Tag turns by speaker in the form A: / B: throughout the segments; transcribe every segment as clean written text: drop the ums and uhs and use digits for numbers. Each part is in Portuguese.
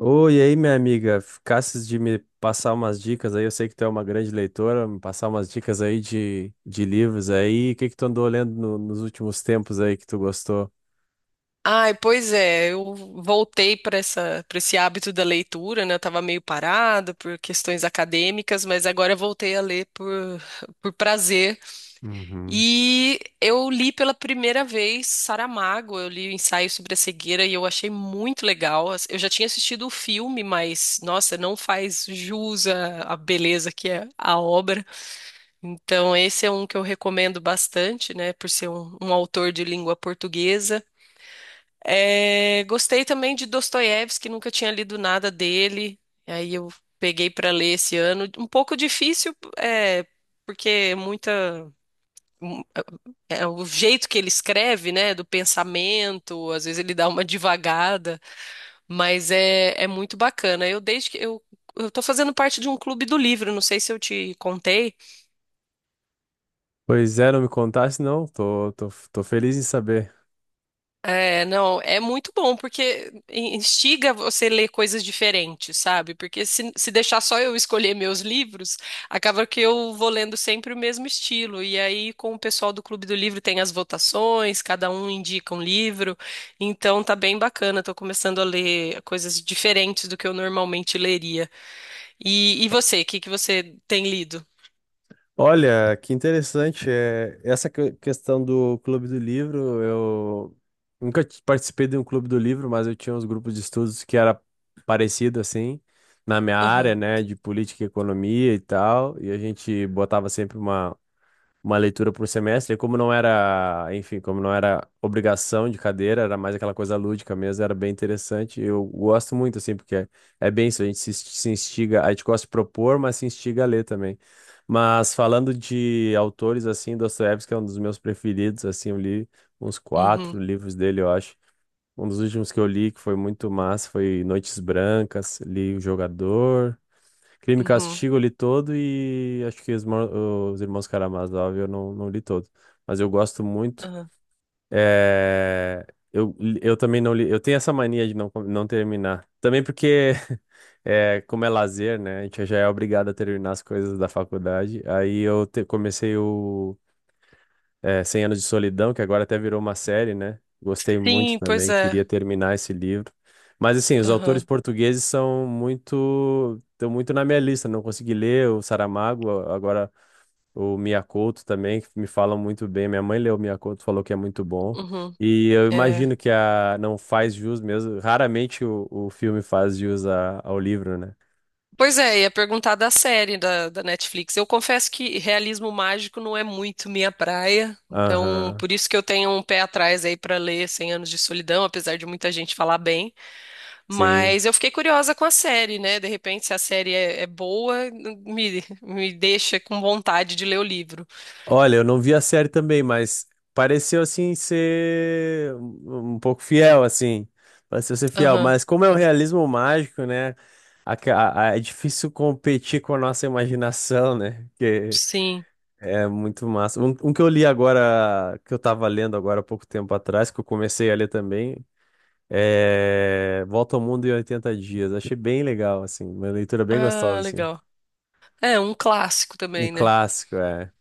A: Oi, e aí, minha amiga, ficasses de me passar umas dicas aí, eu sei que tu é uma grande leitora, me passar umas dicas aí de livros aí, o que que tu andou lendo nos últimos tempos aí que tu gostou?
B: Ai, pois é, eu voltei para essa, para esse hábito da leitura, né? Eu estava meio parada por questões acadêmicas, mas agora eu voltei a ler por prazer.
A: Uhum.
B: E eu li pela primeira vez Saramago, eu li o Ensaio sobre a Cegueira e eu achei muito legal. Eu já tinha assistido o filme, mas nossa, não faz jus à beleza que é a obra. Então, esse é um que eu recomendo bastante, né? Por ser um autor de língua portuguesa. É, gostei também de Dostoiévski, nunca tinha lido nada dele. Aí eu peguei para ler esse ano. Um pouco difícil, é, porque é muita um, é é o jeito que ele escreve, né, do pensamento, às vezes ele dá uma divagada, mas é muito bacana. Eu desde que eu tô fazendo parte de um clube do livro, não sei se eu te contei.
A: Pois é, não me contasse não, tô feliz em saber.
B: É, não, é muito bom, porque instiga você a ler coisas diferentes, sabe? Porque se deixar só eu escolher meus livros, acaba que eu vou lendo sempre o mesmo estilo. E aí, com o pessoal do Clube do Livro, tem as votações, cada um indica um livro. Então, tá bem bacana, tô começando a ler coisas diferentes do que eu normalmente leria. E você, o que que você tem lido?
A: Olha, que interessante. É, essa questão do Clube do Livro, eu nunca participei de um Clube do Livro, mas eu tinha uns grupos de estudos que era parecido assim, na minha área,
B: Aham.
A: né, de política e economia e tal, e a gente botava sempre uma leitura por semestre, e como não era, enfim, como não era obrigação de cadeira, era mais aquela coisa lúdica mesmo, era bem interessante. Eu gosto muito, assim, porque é bem isso, a gente se instiga, a gente gosta de propor, mas se instiga a ler também. Mas falando de autores, assim, Dostoiévski é um dos meus preferidos, assim, eu li uns quatro
B: Uhum.
A: livros dele, eu acho. Um dos últimos que eu li, que foi muito massa, foi Noites Brancas, li O Jogador, Crime e
B: Uhum.
A: Castigo eu li todo e acho que os Irmãos Karamazov eu não li todo. Mas eu gosto muito.
B: Aham.
A: É, Eu, eu também não li. Eu tenho essa mania de não terminar. Também porque, é, como é lazer, né? A gente já é obrigado a terminar as coisas da faculdade. Aí eu comecei 100 Anos de Solidão, que agora até virou uma série, né? Gostei muito
B: Sim, pois
A: também,
B: é.
A: queria terminar esse livro. Mas assim, os autores
B: Aham.
A: portugueses são muito, estão muito na minha lista, não consegui ler o Saramago, agora o Miyakoto também, que me falam muito bem. Minha mãe leu o Miyakoto, falou que é muito bom.
B: Uhum.
A: E eu
B: É.
A: imagino que a não faz jus mesmo, raramente o filme faz jus ao livro, né?
B: Pois é, ia perguntar da série da Netflix. Eu confesso que realismo mágico não é muito minha praia, então
A: Aham,
B: por isso que eu tenho um pé atrás aí pra ler Cem Anos de Solidão, apesar de muita gente falar bem.
A: sim.
B: Mas eu fiquei curiosa com a série, né? De repente, se a série é boa, me deixa com vontade de ler o livro.
A: Olha, eu não vi a série também, mas pareceu assim ser um pouco fiel, assim. Pareceu ser fiel.
B: Aham.
A: Mas como é o realismo mágico, né? É difícil competir com a nossa imaginação, né? Que
B: Sim.
A: é muito massa. Um que eu li agora, que eu tava lendo agora há pouco tempo atrás, que eu comecei a ler também, é Volta ao Mundo em Oitenta Dias. Achei bem legal, assim. Uma leitura bem gostosa,
B: Ah,
A: assim.
B: legal. É um clássico
A: Um
B: também, né?
A: clássico, é.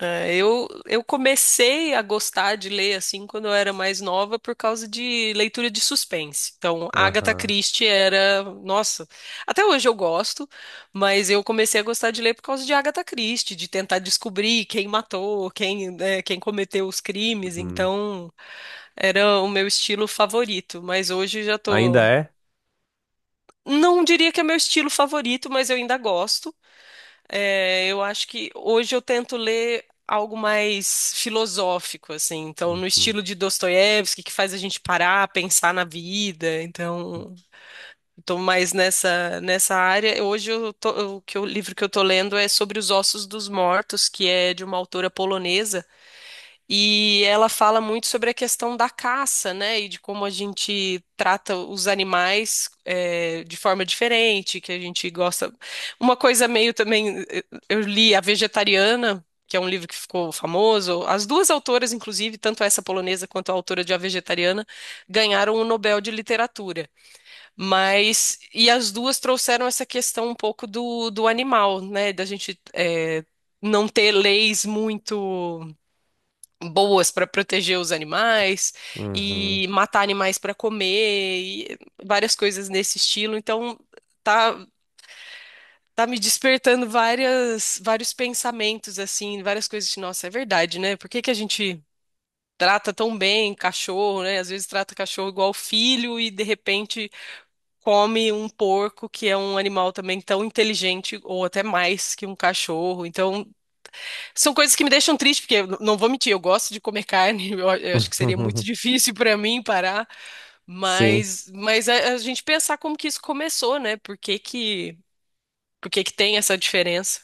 B: É, eu comecei a gostar de ler assim quando eu era mais nova por causa de leitura de suspense. Então, Agatha
A: Aham.
B: Christie era, nossa, até hoje eu gosto, mas eu comecei a gostar de ler por causa de Agatha Christie, de tentar descobrir quem matou, quem, né, quem cometeu os crimes.
A: Uhum.
B: Então, era o meu estilo favorito, mas hoje já
A: Ainda
B: tô,
A: é?
B: não diria que é meu estilo favorito, mas eu ainda gosto. É, eu acho que hoje eu tento ler algo mais filosófico, assim, então no
A: Uhum.
B: estilo de Dostoiévski, que faz a gente parar, pensar na vida. Então, estou mais nessa área. Hoje eu tô- o que eu- o livro que eu tô lendo é sobre os ossos dos mortos, que é de uma autora polonesa. E ela fala muito sobre a questão da caça, né? E de como a gente trata os animais de forma diferente, que a gente gosta. Uma coisa meio também, eu li A Vegetariana, que é um livro que ficou famoso. As duas autoras, inclusive, tanto essa polonesa quanto a autora de A Vegetariana, ganharam o Nobel de Literatura. Mas, e as duas trouxeram essa questão um pouco do animal, né? Da gente não ter leis muito boas para proteger os animais
A: Uhum.
B: e matar animais para comer e várias coisas nesse estilo. Então tá tá me despertando várias vários pensamentos assim, várias coisas de nossa, é verdade, né? Por que que a gente trata tão bem cachorro, né? Às vezes trata cachorro igual filho e de repente come um porco que é um animal também tão inteligente ou até mais que um cachorro. Então são coisas que me deixam triste, porque eu não vou mentir, eu gosto de comer carne, eu acho que seria muito difícil para mim parar,
A: Sim,
B: mas a gente pensar como que isso começou, né? Por que que tem essa diferença?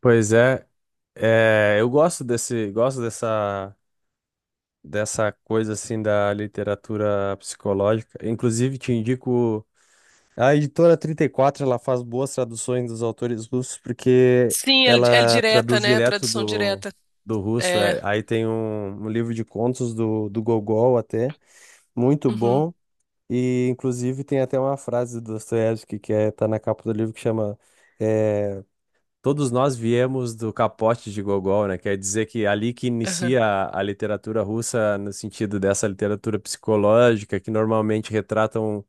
A: pois é. É, eu gosto desse, gosto dessa coisa assim da literatura psicológica. Inclusive, te indico a editora 34, ela faz boas traduções dos autores russos porque
B: Sim, é, é
A: ela
B: direta,
A: traduz
B: né?
A: direto
B: Tradução
A: do,
B: direta.
A: do russo.
B: É.
A: É, aí tem um livro de contos do Gogol até, muito
B: Uhum.
A: bom. E inclusive tem até uma frase do Dostoiévski que é, tá na capa do livro que chama é, Todos nós viemos do capote de Gogol, né? Quer dizer que é ali que
B: Aham.
A: inicia a literatura russa, no sentido dessa literatura psicológica, que normalmente retrata um,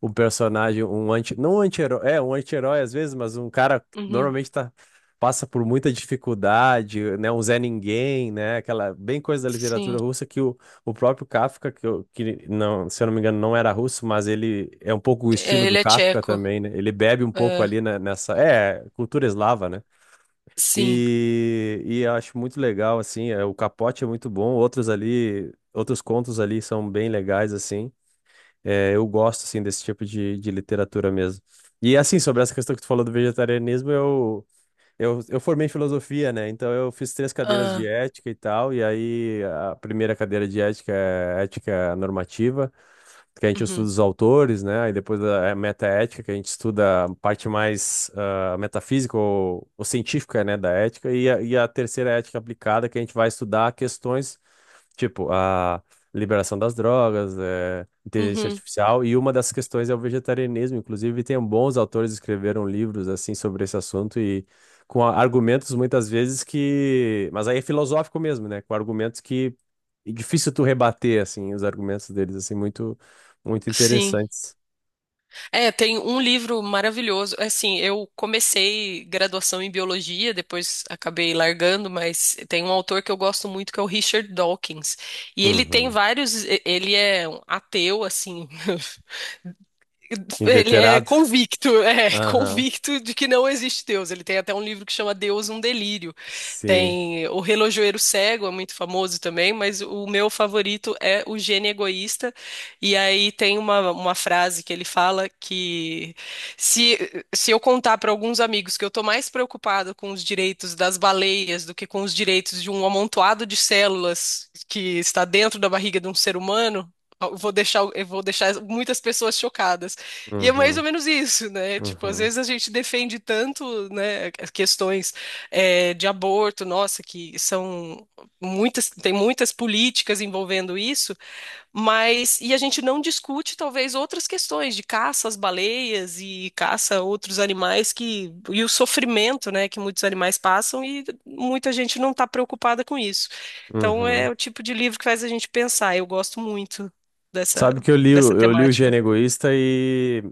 A: um personagem, um anti, não um anti-herói, é um anti-herói às vezes, mas um cara que
B: Uhum.
A: normalmente tá, passa por muita dificuldade, né? Um Zé Ninguém, né? Aquela bem coisa da literatura
B: Sim.
A: russa que o próprio Kafka, que não, se eu não me engano, não era russo, mas ele é um pouco o estilo
B: É,
A: do
B: ele é
A: Kafka
B: tcheco.
A: também, né? Ele bebe um pouco
B: É,
A: ali nessa, cultura eslava, né?
B: sim.
A: E eu acho muito legal, assim, o Capote é muito bom, outros ali, outros contos ali são bem legais, assim. É, eu gosto, assim, desse tipo de literatura mesmo. E, assim, sobre essa questão que tu falou do vegetarianismo, eu formei em filosofia, né? Então, eu fiz três cadeiras de
B: Ah.
A: ética e tal, e aí a primeira cadeira de ética é ética normativa, que a gente estuda
B: Uhum.
A: os autores, né? Aí depois a metaética, que a gente estuda a parte mais metafísica ou científica, né, da ética, e a terceira ética aplicada, que a gente vai estudar questões tipo a liberação das drogas, inteligência
B: Uhum.
A: artificial, e uma das questões é o vegetarianismo. Inclusive, tem bons autores que escreveram livros assim sobre esse assunto e com argumentos muitas vezes que, mas aí é filosófico mesmo, né? Com argumentos que é difícil tu rebater assim os argumentos deles assim muito muito
B: Sim.
A: interessante.
B: É, tem um livro maravilhoso. Assim, eu comecei graduação em biologia, depois acabei largando, mas tem um autor que eu gosto muito que é o Richard Dawkins. E ele tem
A: Uhum.
B: ele é um ateu, assim, ele é
A: Inveterado?
B: convicto, é
A: Aham.
B: convicto de que não existe Deus. Ele tem até um livro que chama Deus, um Delírio.
A: Sim.
B: Tem O Relojoeiro Cego, é muito famoso também, mas o meu favorito é O Gênio Egoísta. E aí tem uma frase que ele fala que se, se eu contar para alguns amigos que eu estou mais preocupado com os direitos das baleias do que com os direitos de um amontoado de células que está dentro da barriga de um ser humano, eu vou deixar muitas pessoas chocadas. E é mais ou
A: Uhum.
B: menos isso, né? Tipo, às
A: Uhum.
B: vezes a gente defende tanto, né, as questões de aborto, nossa, que são muitas, tem muitas políticas envolvendo isso, mas e a gente não discute talvez outras questões de caça às baleias e caça a outros animais que e o sofrimento, né, que muitos animais passam e muita gente não está preocupada com isso. Então é
A: Uhum.
B: o tipo de livro que faz a gente pensar. Eu gosto muito dessa
A: Sabe que eu li,
B: dessa
A: o- eu li o
B: temática.
A: Gênio Egoísta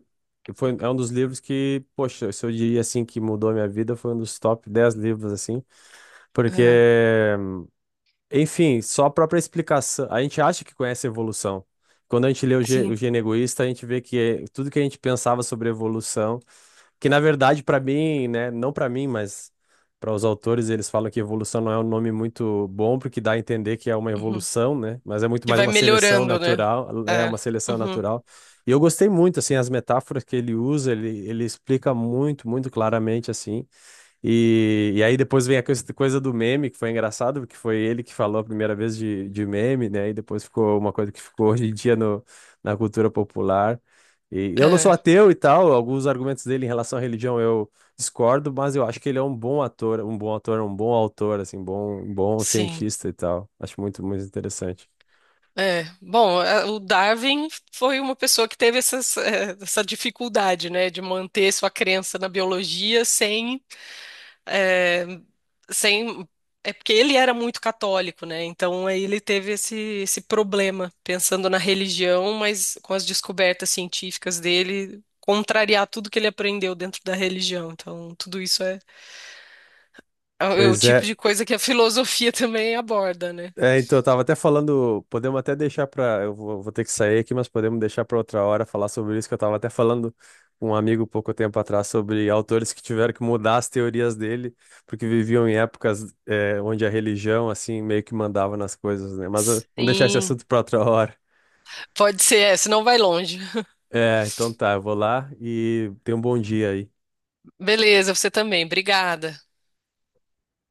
A: e foi, é um dos livros que, poxa, se eu diria assim que mudou a minha vida, foi um dos top 10 livros, assim, porque,
B: É,
A: enfim, só a própria explicação, a gente acha que conhece a evolução. Quando a gente lê o
B: sim.
A: Gênio Egoísta, a gente vê que tudo que a gente pensava sobre evolução, que na verdade, para mim, né, não para mim, mas para os autores, eles falam que evolução não é um nome muito bom, porque dá a entender que é uma
B: Uhum.
A: evolução, né? Mas é muito
B: Que
A: mais
B: vai
A: uma seleção
B: melhorando, né?
A: natural, é
B: É.
A: uma seleção
B: Uhum.
A: natural. E eu gostei muito, assim, as metáforas que ele usa, ele explica muito, muito claramente, assim. E aí depois vem a coisa do meme, que foi engraçado, porque foi ele que falou a primeira vez de meme, né? E depois ficou uma coisa que ficou hoje em dia no, na cultura popular. E eu não sou
B: É,
A: ateu e tal, alguns argumentos dele em relação à religião eu discordo, mas eu acho que ele é um bom ator, um bom ator, um bom autor, assim, bom, um bom
B: sim.
A: cientista e tal. Acho muito, muito interessante.
B: É, bom, a- o Darwin foi uma pessoa que teve essas, essa dificuldade, né, de manter sua crença na biologia sem, eh, sem, é porque ele era muito católico, né? Então aí ele teve esse problema pensando na religião, mas com as descobertas científicas dele contrariar tudo que ele aprendeu dentro da religião. Então tudo isso é o é
A: Pois
B: tipo
A: é.
B: de coisa que a filosofia também aborda, né?
A: É, então, eu tava até falando, podemos até deixar pra. Eu vou ter que sair aqui, mas podemos deixar pra outra hora falar sobre isso, que eu tava até falando com um amigo pouco tempo atrás sobre autores que tiveram que mudar as teorias dele, porque viviam em épocas onde a religião, assim, meio que mandava nas coisas, né? Mas vamos deixar esse
B: Sim,
A: assunto pra outra hora.
B: pode ser, é, senão vai longe.
A: É, então tá, eu vou lá e tenha um bom dia aí.
B: Beleza, você também. Obrigada.